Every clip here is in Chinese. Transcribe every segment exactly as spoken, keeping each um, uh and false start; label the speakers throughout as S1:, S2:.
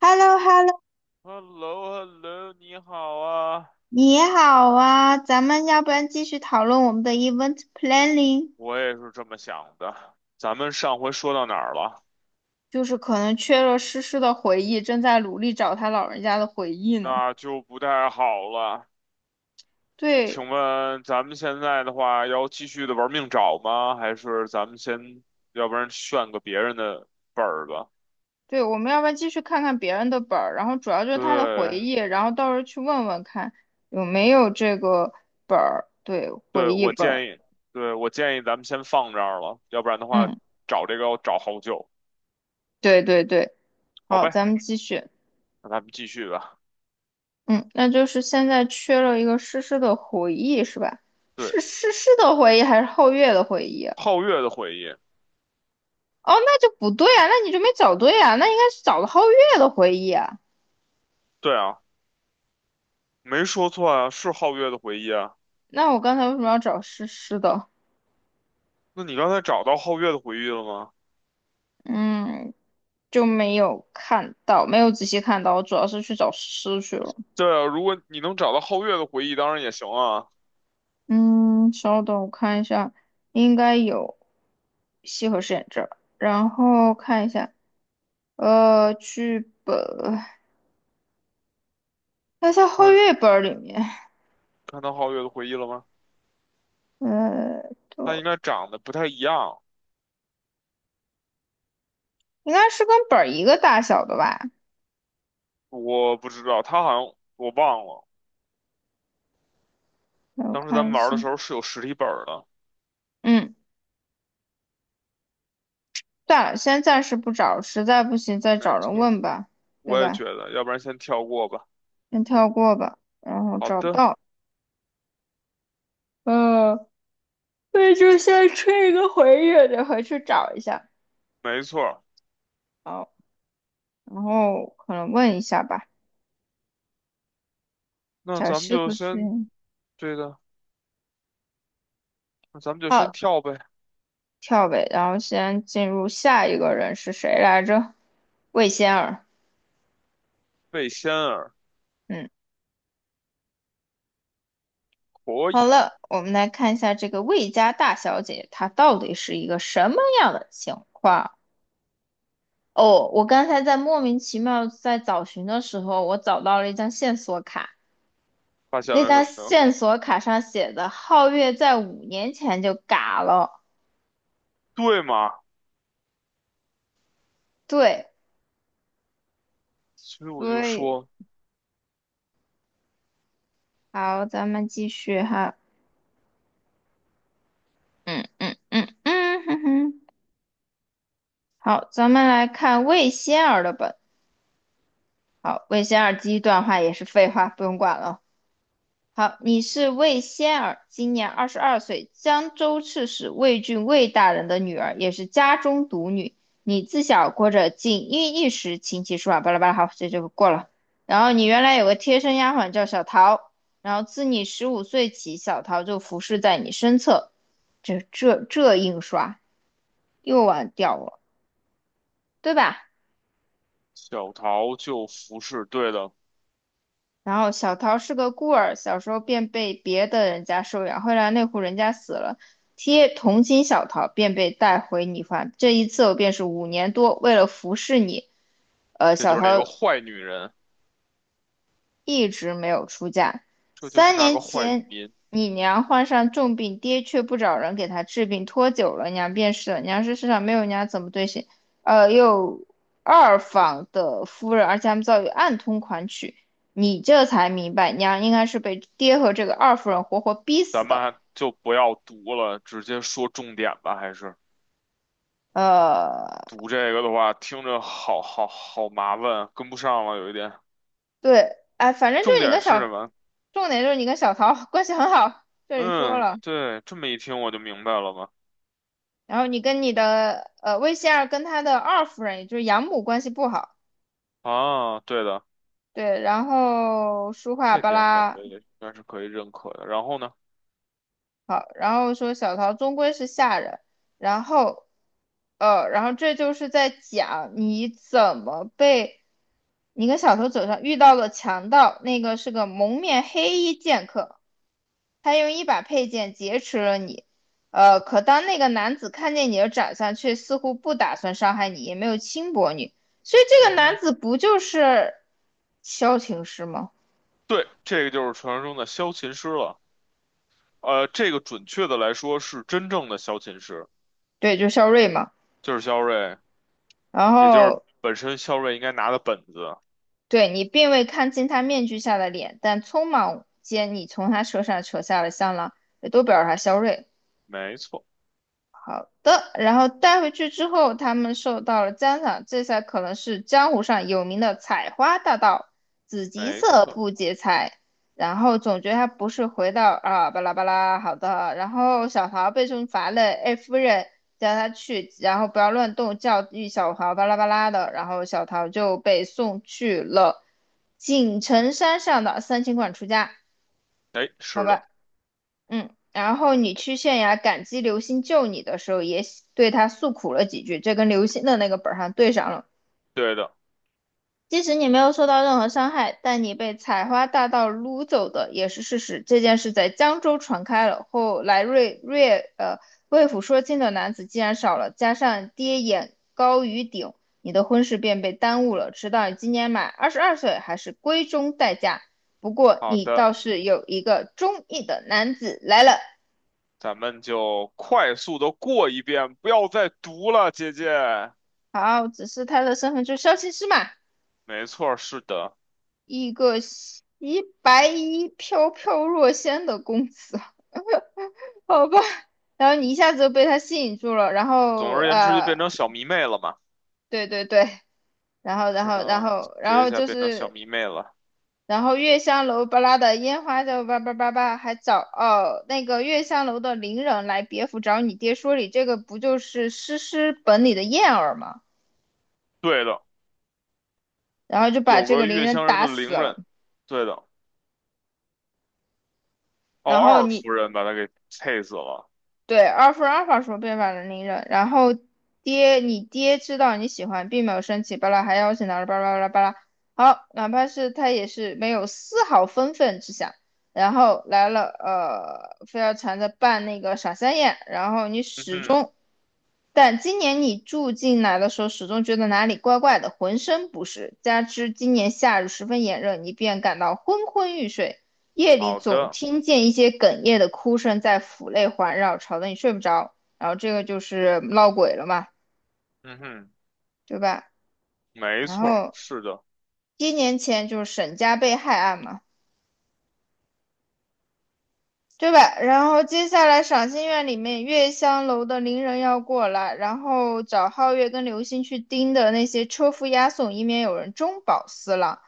S1: h e l l o h e l l o
S2: h e l l o h e l l o 你好啊，
S1: 你好啊，咱们要不然继续讨论我们的 event planning，
S2: 我也是这么想的。咱们上回说到哪儿了？
S1: 就是可能缺了诗诗的回忆，正在努力找他老人家的回忆呢。
S2: 那就不太好了。
S1: 对
S2: 请问咱们现在的话，要继续的玩命找吗？还是咱们先，要不然炫个别人的本儿吧？
S1: 对，我们要不然继续看看别人的本儿，然后主要就是他的回
S2: 对，
S1: 忆，然后到时候去问问看有没有这个本儿，对，
S2: 对，
S1: 回忆
S2: 我
S1: 本儿。
S2: 建议，对，我建议咱们先放这儿了，要不然的话，
S1: 嗯，
S2: 找这个要找好久。
S1: 对对对，
S2: 好
S1: 好，
S2: 呗，
S1: 咱们继续。
S2: 那咱们继续吧。
S1: 嗯，那就是现在缺了一个诗诗的回忆是吧？
S2: 对，
S1: 是诗诗的回忆还是后月的回忆啊？
S2: 皓月的回忆，
S1: 哦，那就不对啊，那你就没找对啊，那应该是找了皓月的回忆啊。
S2: 对啊，没说错啊，是皓月的回忆啊。
S1: 那我刚才为什么要找诗诗的？
S2: 那你刚才找到皓月的回忆了吗？
S1: 嗯，就没有看到，没有仔细看到，我主要是去找诗诗去了。
S2: 对啊，如果你能找到皓月的回忆，当然也行啊。
S1: 嗯，稍等，我看一下，应该有西河饰演这儿，然后看一下，呃，剧本，那在皓
S2: 看
S1: 月本儿里面，
S2: 看到皓月的回忆了吗？
S1: 呃，
S2: 他
S1: 都
S2: 应该长得不太一样，
S1: 应该是跟本儿一个大小的吧？
S2: 我不知道，他好像我忘了。
S1: 让我
S2: 当时咱
S1: 看
S2: 们
S1: 一
S2: 玩
S1: 下，
S2: 的时候是有实体本儿的，
S1: 嗯。算了，先暂时不找，实在不行再
S2: 没
S1: 找人
S2: 错，
S1: 问吧，对
S2: 我也
S1: 吧？
S2: 觉得，要不然先跳过吧。
S1: 先跳过吧，然后
S2: 好
S1: 找不
S2: 的，
S1: 到，嗯，那就先吹一个回忆，得回去找一下。
S2: 没错，
S1: 好，然后可能问一下吧，
S2: 那
S1: 小
S2: 咱们
S1: 西
S2: 就
S1: 和是
S2: 先对的，那咱们就先
S1: 好
S2: 跳呗。
S1: 跳呗，然后先进入下一个人是谁来着？魏仙儿，
S2: 魏仙儿
S1: 嗯，
S2: 可
S1: 好
S2: 以
S1: 了，我们来看一下这个魏家大小姐她到底是一个什么样的情况。哦，我刚才在莫名其妙在找寻的时候，我找到了一张线索卡，
S2: 发现
S1: 那
S2: 了什
S1: 张
S2: 么呢？
S1: 线索卡上写的皓月在五年前就嘎了，
S2: 对吗？
S1: 对，
S2: 所以我就
S1: 所以
S2: 说
S1: 好，咱们继续哈，嗯嗯嗯嗯，哼哼，好，咱们来看魏仙儿的本，好，魏仙儿第一段话也是废话，不用管了。好，你是魏仙儿，今年二十二岁，江州刺史魏郡魏大人的女儿，也是家中独女。你自小过着锦衣玉食、琴棋书画，巴拉巴拉。好，这就过了。然后你原来有个贴身丫鬟叫小桃，然后自你十五岁起，小桃就服侍在你身侧。这这这印刷又忘掉了，对吧？
S2: 小桃就服侍，对的。
S1: 然后小桃是个孤儿，小时候便被别的人家收养，后来那户人家死了，贴同情小桃，便被带回你方。这一次候便是五年多，为了服侍你，呃，
S2: 这就
S1: 小
S2: 是那个
S1: 桃
S2: 坏女人，
S1: 一直没有出嫁。
S2: 这就是
S1: 三
S2: 那
S1: 年
S2: 个坏
S1: 前，
S2: 女人。
S1: 你娘患上重病，爹却不找人给她治病，拖久了，娘便是了。娘是世上没有娘怎么对谁，呃，又二房的夫人，而且他们遭遇暗通款曲。你这才明白，娘应该是被爹和这个二夫人活活逼死
S2: 咱们
S1: 的。
S2: 还就不要读了，直接说重点吧。还是
S1: 呃，
S2: 读这个的话，听着好好好麻烦，跟不上了有一点。
S1: 对，哎，反正就
S2: 重
S1: 是你跟
S2: 点是什
S1: 小，
S2: 么？
S1: 重点就是你跟小桃 关系很好，这里说
S2: 嗯，
S1: 了。
S2: 对，这么一听我就明白了嘛。
S1: 然后你跟你的呃魏仙儿跟他的二夫人，也就是养母关系不好，
S2: 啊，对的，
S1: 对，然后书画
S2: 这
S1: 巴
S2: 点感
S1: 拉
S2: 觉也应该是可以认可的。然后呢？
S1: 好，然后说小桃终归是下人，然后呃，然后这就是在讲你怎么被你跟小桃走上遇到了强盗，那个是个蒙面黑衣剑客，他用一把佩剑劫持了你。呃，可当那个男子看见你的长相，却似乎不打算伤害你，也没有轻薄你，所以这
S2: 嗯
S1: 个男
S2: 哼，
S1: 子不就是萧晴师吗？
S2: 对，这个就是传说中的萧琴师了。呃，这个准确的来说是真正的萧琴师，
S1: 对，就是萧睿嘛。
S2: 就是萧睿，
S1: 然
S2: 也就是
S1: 后
S2: 本身萧睿应该拿的本子。
S1: 对你并未看清他面具下的脸，但匆忙间你从他车上扯下了香囊，也都表示他萧睿。
S2: 没错，
S1: 好的，然后带回去之后，他们受到了赞赏，这才可能是江湖上有名的采花大盗，紫极
S2: 没
S1: 色
S2: 错，
S1: 不劫财。然后总觉得他不是回到啊巴拉巴拉，好的。然后小桃被重罚了，哎夫人叫他去，然后不要乱动，教育小桃巴拉巴拉的。然后小桃就被送去了锦城山上的三清观出家，
S2: 哎，
S1: 拜
S2: 是的，
S1: 拜。嗯，然后你去县衙感激刘星救你的时候，也喜对他诉苦了几句，这跟刘星的那个本儿上对上了。
S2: 对的，
S1: 即使你没有受到任何伤害，但你被采花大盗掳走的也是事实。这件事在江州传开了，后来瑞瑞呃魏府说亲的男子既然少了，加上爹眼高于顶，你的婚事便被耽误了，直到你今年满二十二岁，还是闺中待嫁。不过
S2: 好
S1: 你倒
S2: 的，
S1: 是有一个中意的男子来了。
S2: 咱们就快速的过一遍，不要再读了，姐姐。
S1: 好，只是他的身份就是消琴师嘛，
S2: 没错，是的，
S1: 一个洗白衣飘飘若仙的公子，好吧。然后你一下子就被他吸引住了，然
S2: 总
S1: 后
S2: 而言之就
S1: 呃，
S2: 变成小迷妹了嘛。
S1: 对对对，然后然
S2: 是
S1: 后然
S2: 的，
S1: 后
S2: 总
S1: 然
S2: 结一
S1: 后
S2: 下，
S1: 就
S2: 变成小
S1: 是，
S2: 迷妹了。
S1: 然后月香楼巴拉的烟花就叭叭叭叭，还找哦那个月香楼的伶人来别府找你爹说理，这个不就是诗诗本里的燕儿吗？
S2: 对的，
S1: 然后就把
S2: 有
S1: 这
S2: 个
S1: 个伶
S2: 月
S1: 人
S2: 香人
S1: 打
S2: 的
S1: 死
S2: 伶
S1: 了。
S2: 人，对的，哦，
S1: 然后
S2: 二
S1: 你
S2: 夫人把他给气死了。
S1: 对，阿尔二阿尔法说变法能力人，然后爹，你爹知道你喜欢，并没有生气，巴拉还邀请他了，巴拉巴拉巴拉。好，哪怕是他也是没有丝毫愤愤之想，然后来了，呃，非要缠着办那个傻三眼，然后你
S2: 嗯
S1: 始
S2: 哼，
S1: 终但今年你住进来的时候，始终觉得哪里怪怪的，浑身不适。加之今年夏日十分炎热，你便感到昏昏欲睡。夜里
S2: 好
S1: 总
S2: 的，
S1: 听见一些哽咽的哭声在府内环绕，吵得你睡不着。然后这个就是闹鬼了嘛，
S2: 嗯哼，
S1: 对吧？
S2: 没
S1: 然
S2: 错，
S1: 后
S2: 是的，
S1: 一年前就是沈家被害案嘛，对吧？然后接下来赏心院里面月香楼的伶人要过来，然后找皓月跟流星去盯的那些车夫押送，以免有人中饱私囊。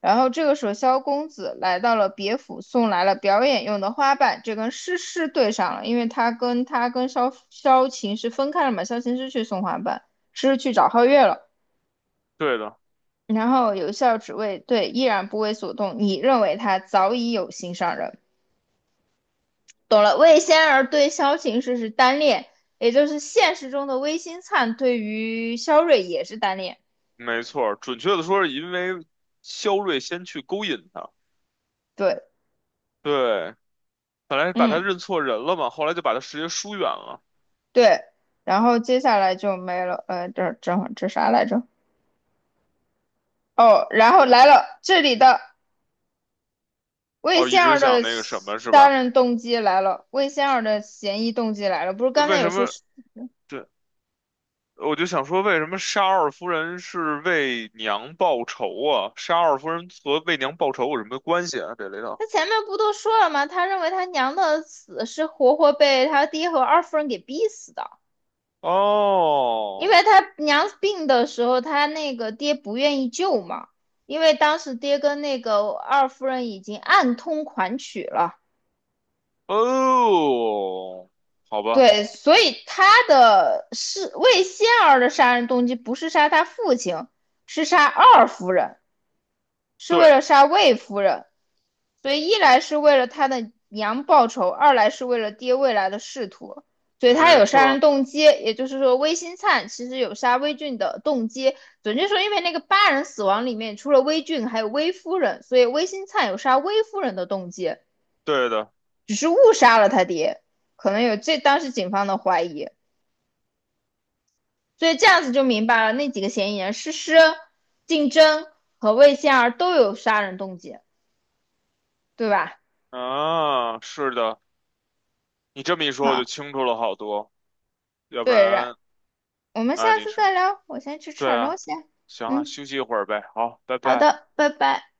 S1: 然后这个时候，萧公子来到了别府，送来了表演用的花瓣，这跟诗诗对上了，因为他跟他跟萧萧晴是分开了嘛，萧晴是去送花瓣，诗诗去找皓月了。
S2: 对的，
S1: 然后有笑只为对，依然不为所动。你认为他早已有心上人，懂了，魏仙儿对萧晴是是单恋，也就是现实中的魏新灿对于萧睿也是单恋。
S2: 没错，准确的说是因为肖睿先去勾引他。
S1: 对，
S2: 对，本来把他
S1: 嗯，
S2: 认错人了嘛，后来就把他直接疏远了。
S1: 对。然后接下来就没了，呃，这这这啥来着？哦，然后来了这里的魏
S2: 哦，一
S1: 仙
S2: 直
S1: 儿
S2: 想
S1: 的
S2: 那个什么是
S1: 杀
S2: 吧？
S1: 人动机来了，魏仙儿的嫌疑动机来了。不是刚才
S2: 为
S1: 有
S2: 什
S1: 说
S2: 么？
S1: 是，
S2: 对，我就想说，为什么沙二夫人是为娘报仇啊？沙二夫人和为娘报仇有什么关系啊？这里头？
S1: 他前面不都说了吗？他认为他娘的死是活活被他爹和二夫人给逼死的。因
S2: 哦
S1: 为他娘病的时候，他那个爹不愿意救嘛，因为当时爹跟那个二夫人已经暗通款曲了，
S2: 哦，好吧，
S1: 对，所以他的是魏仙儿的杀人动机不是杀他父亲，是杀二夫人。是为
S2: 对，
S1: 了杀魏夫人，所以一来是为了他的娘报仇，二来是为了爹未来的仕途，所以他
S2: 没
S1: 有
S2: 错
S1: 杀
S2: 儿，
S1: 人动机。也就是说，魏新灿其实有杀魏俊的动机。准确说，因为那个八人死亡里面除了魏俊还有魏夫人，所以魏新灿有杀魏夫人的动机，
S2: 对的，
S1: 只是误杀了他爹，可能有这当时警方的怀疑。所以这样子就明白了，那几个嫌疑人诗诗、竞争和魏仙儿都有杀人动机，对吧？
S2: 啊，是的，你这么一说我就
S1: 好，
S2: 清楚了好多，要不
S1: 对，然
S2: 然
S1: 我们
S2: 啊，
S1: 下
S2: 你
S1: 次
S2: 是，
S1: 再聊，我先去吃
S2: 对
S1: 点东
S2: 啊，
S1: 西。
S2: 行啊，
S1: 嗯，
S2: 休息一会儿呗，好，拜
S1: 好
S2: 拜。
S1: 的，拜拜。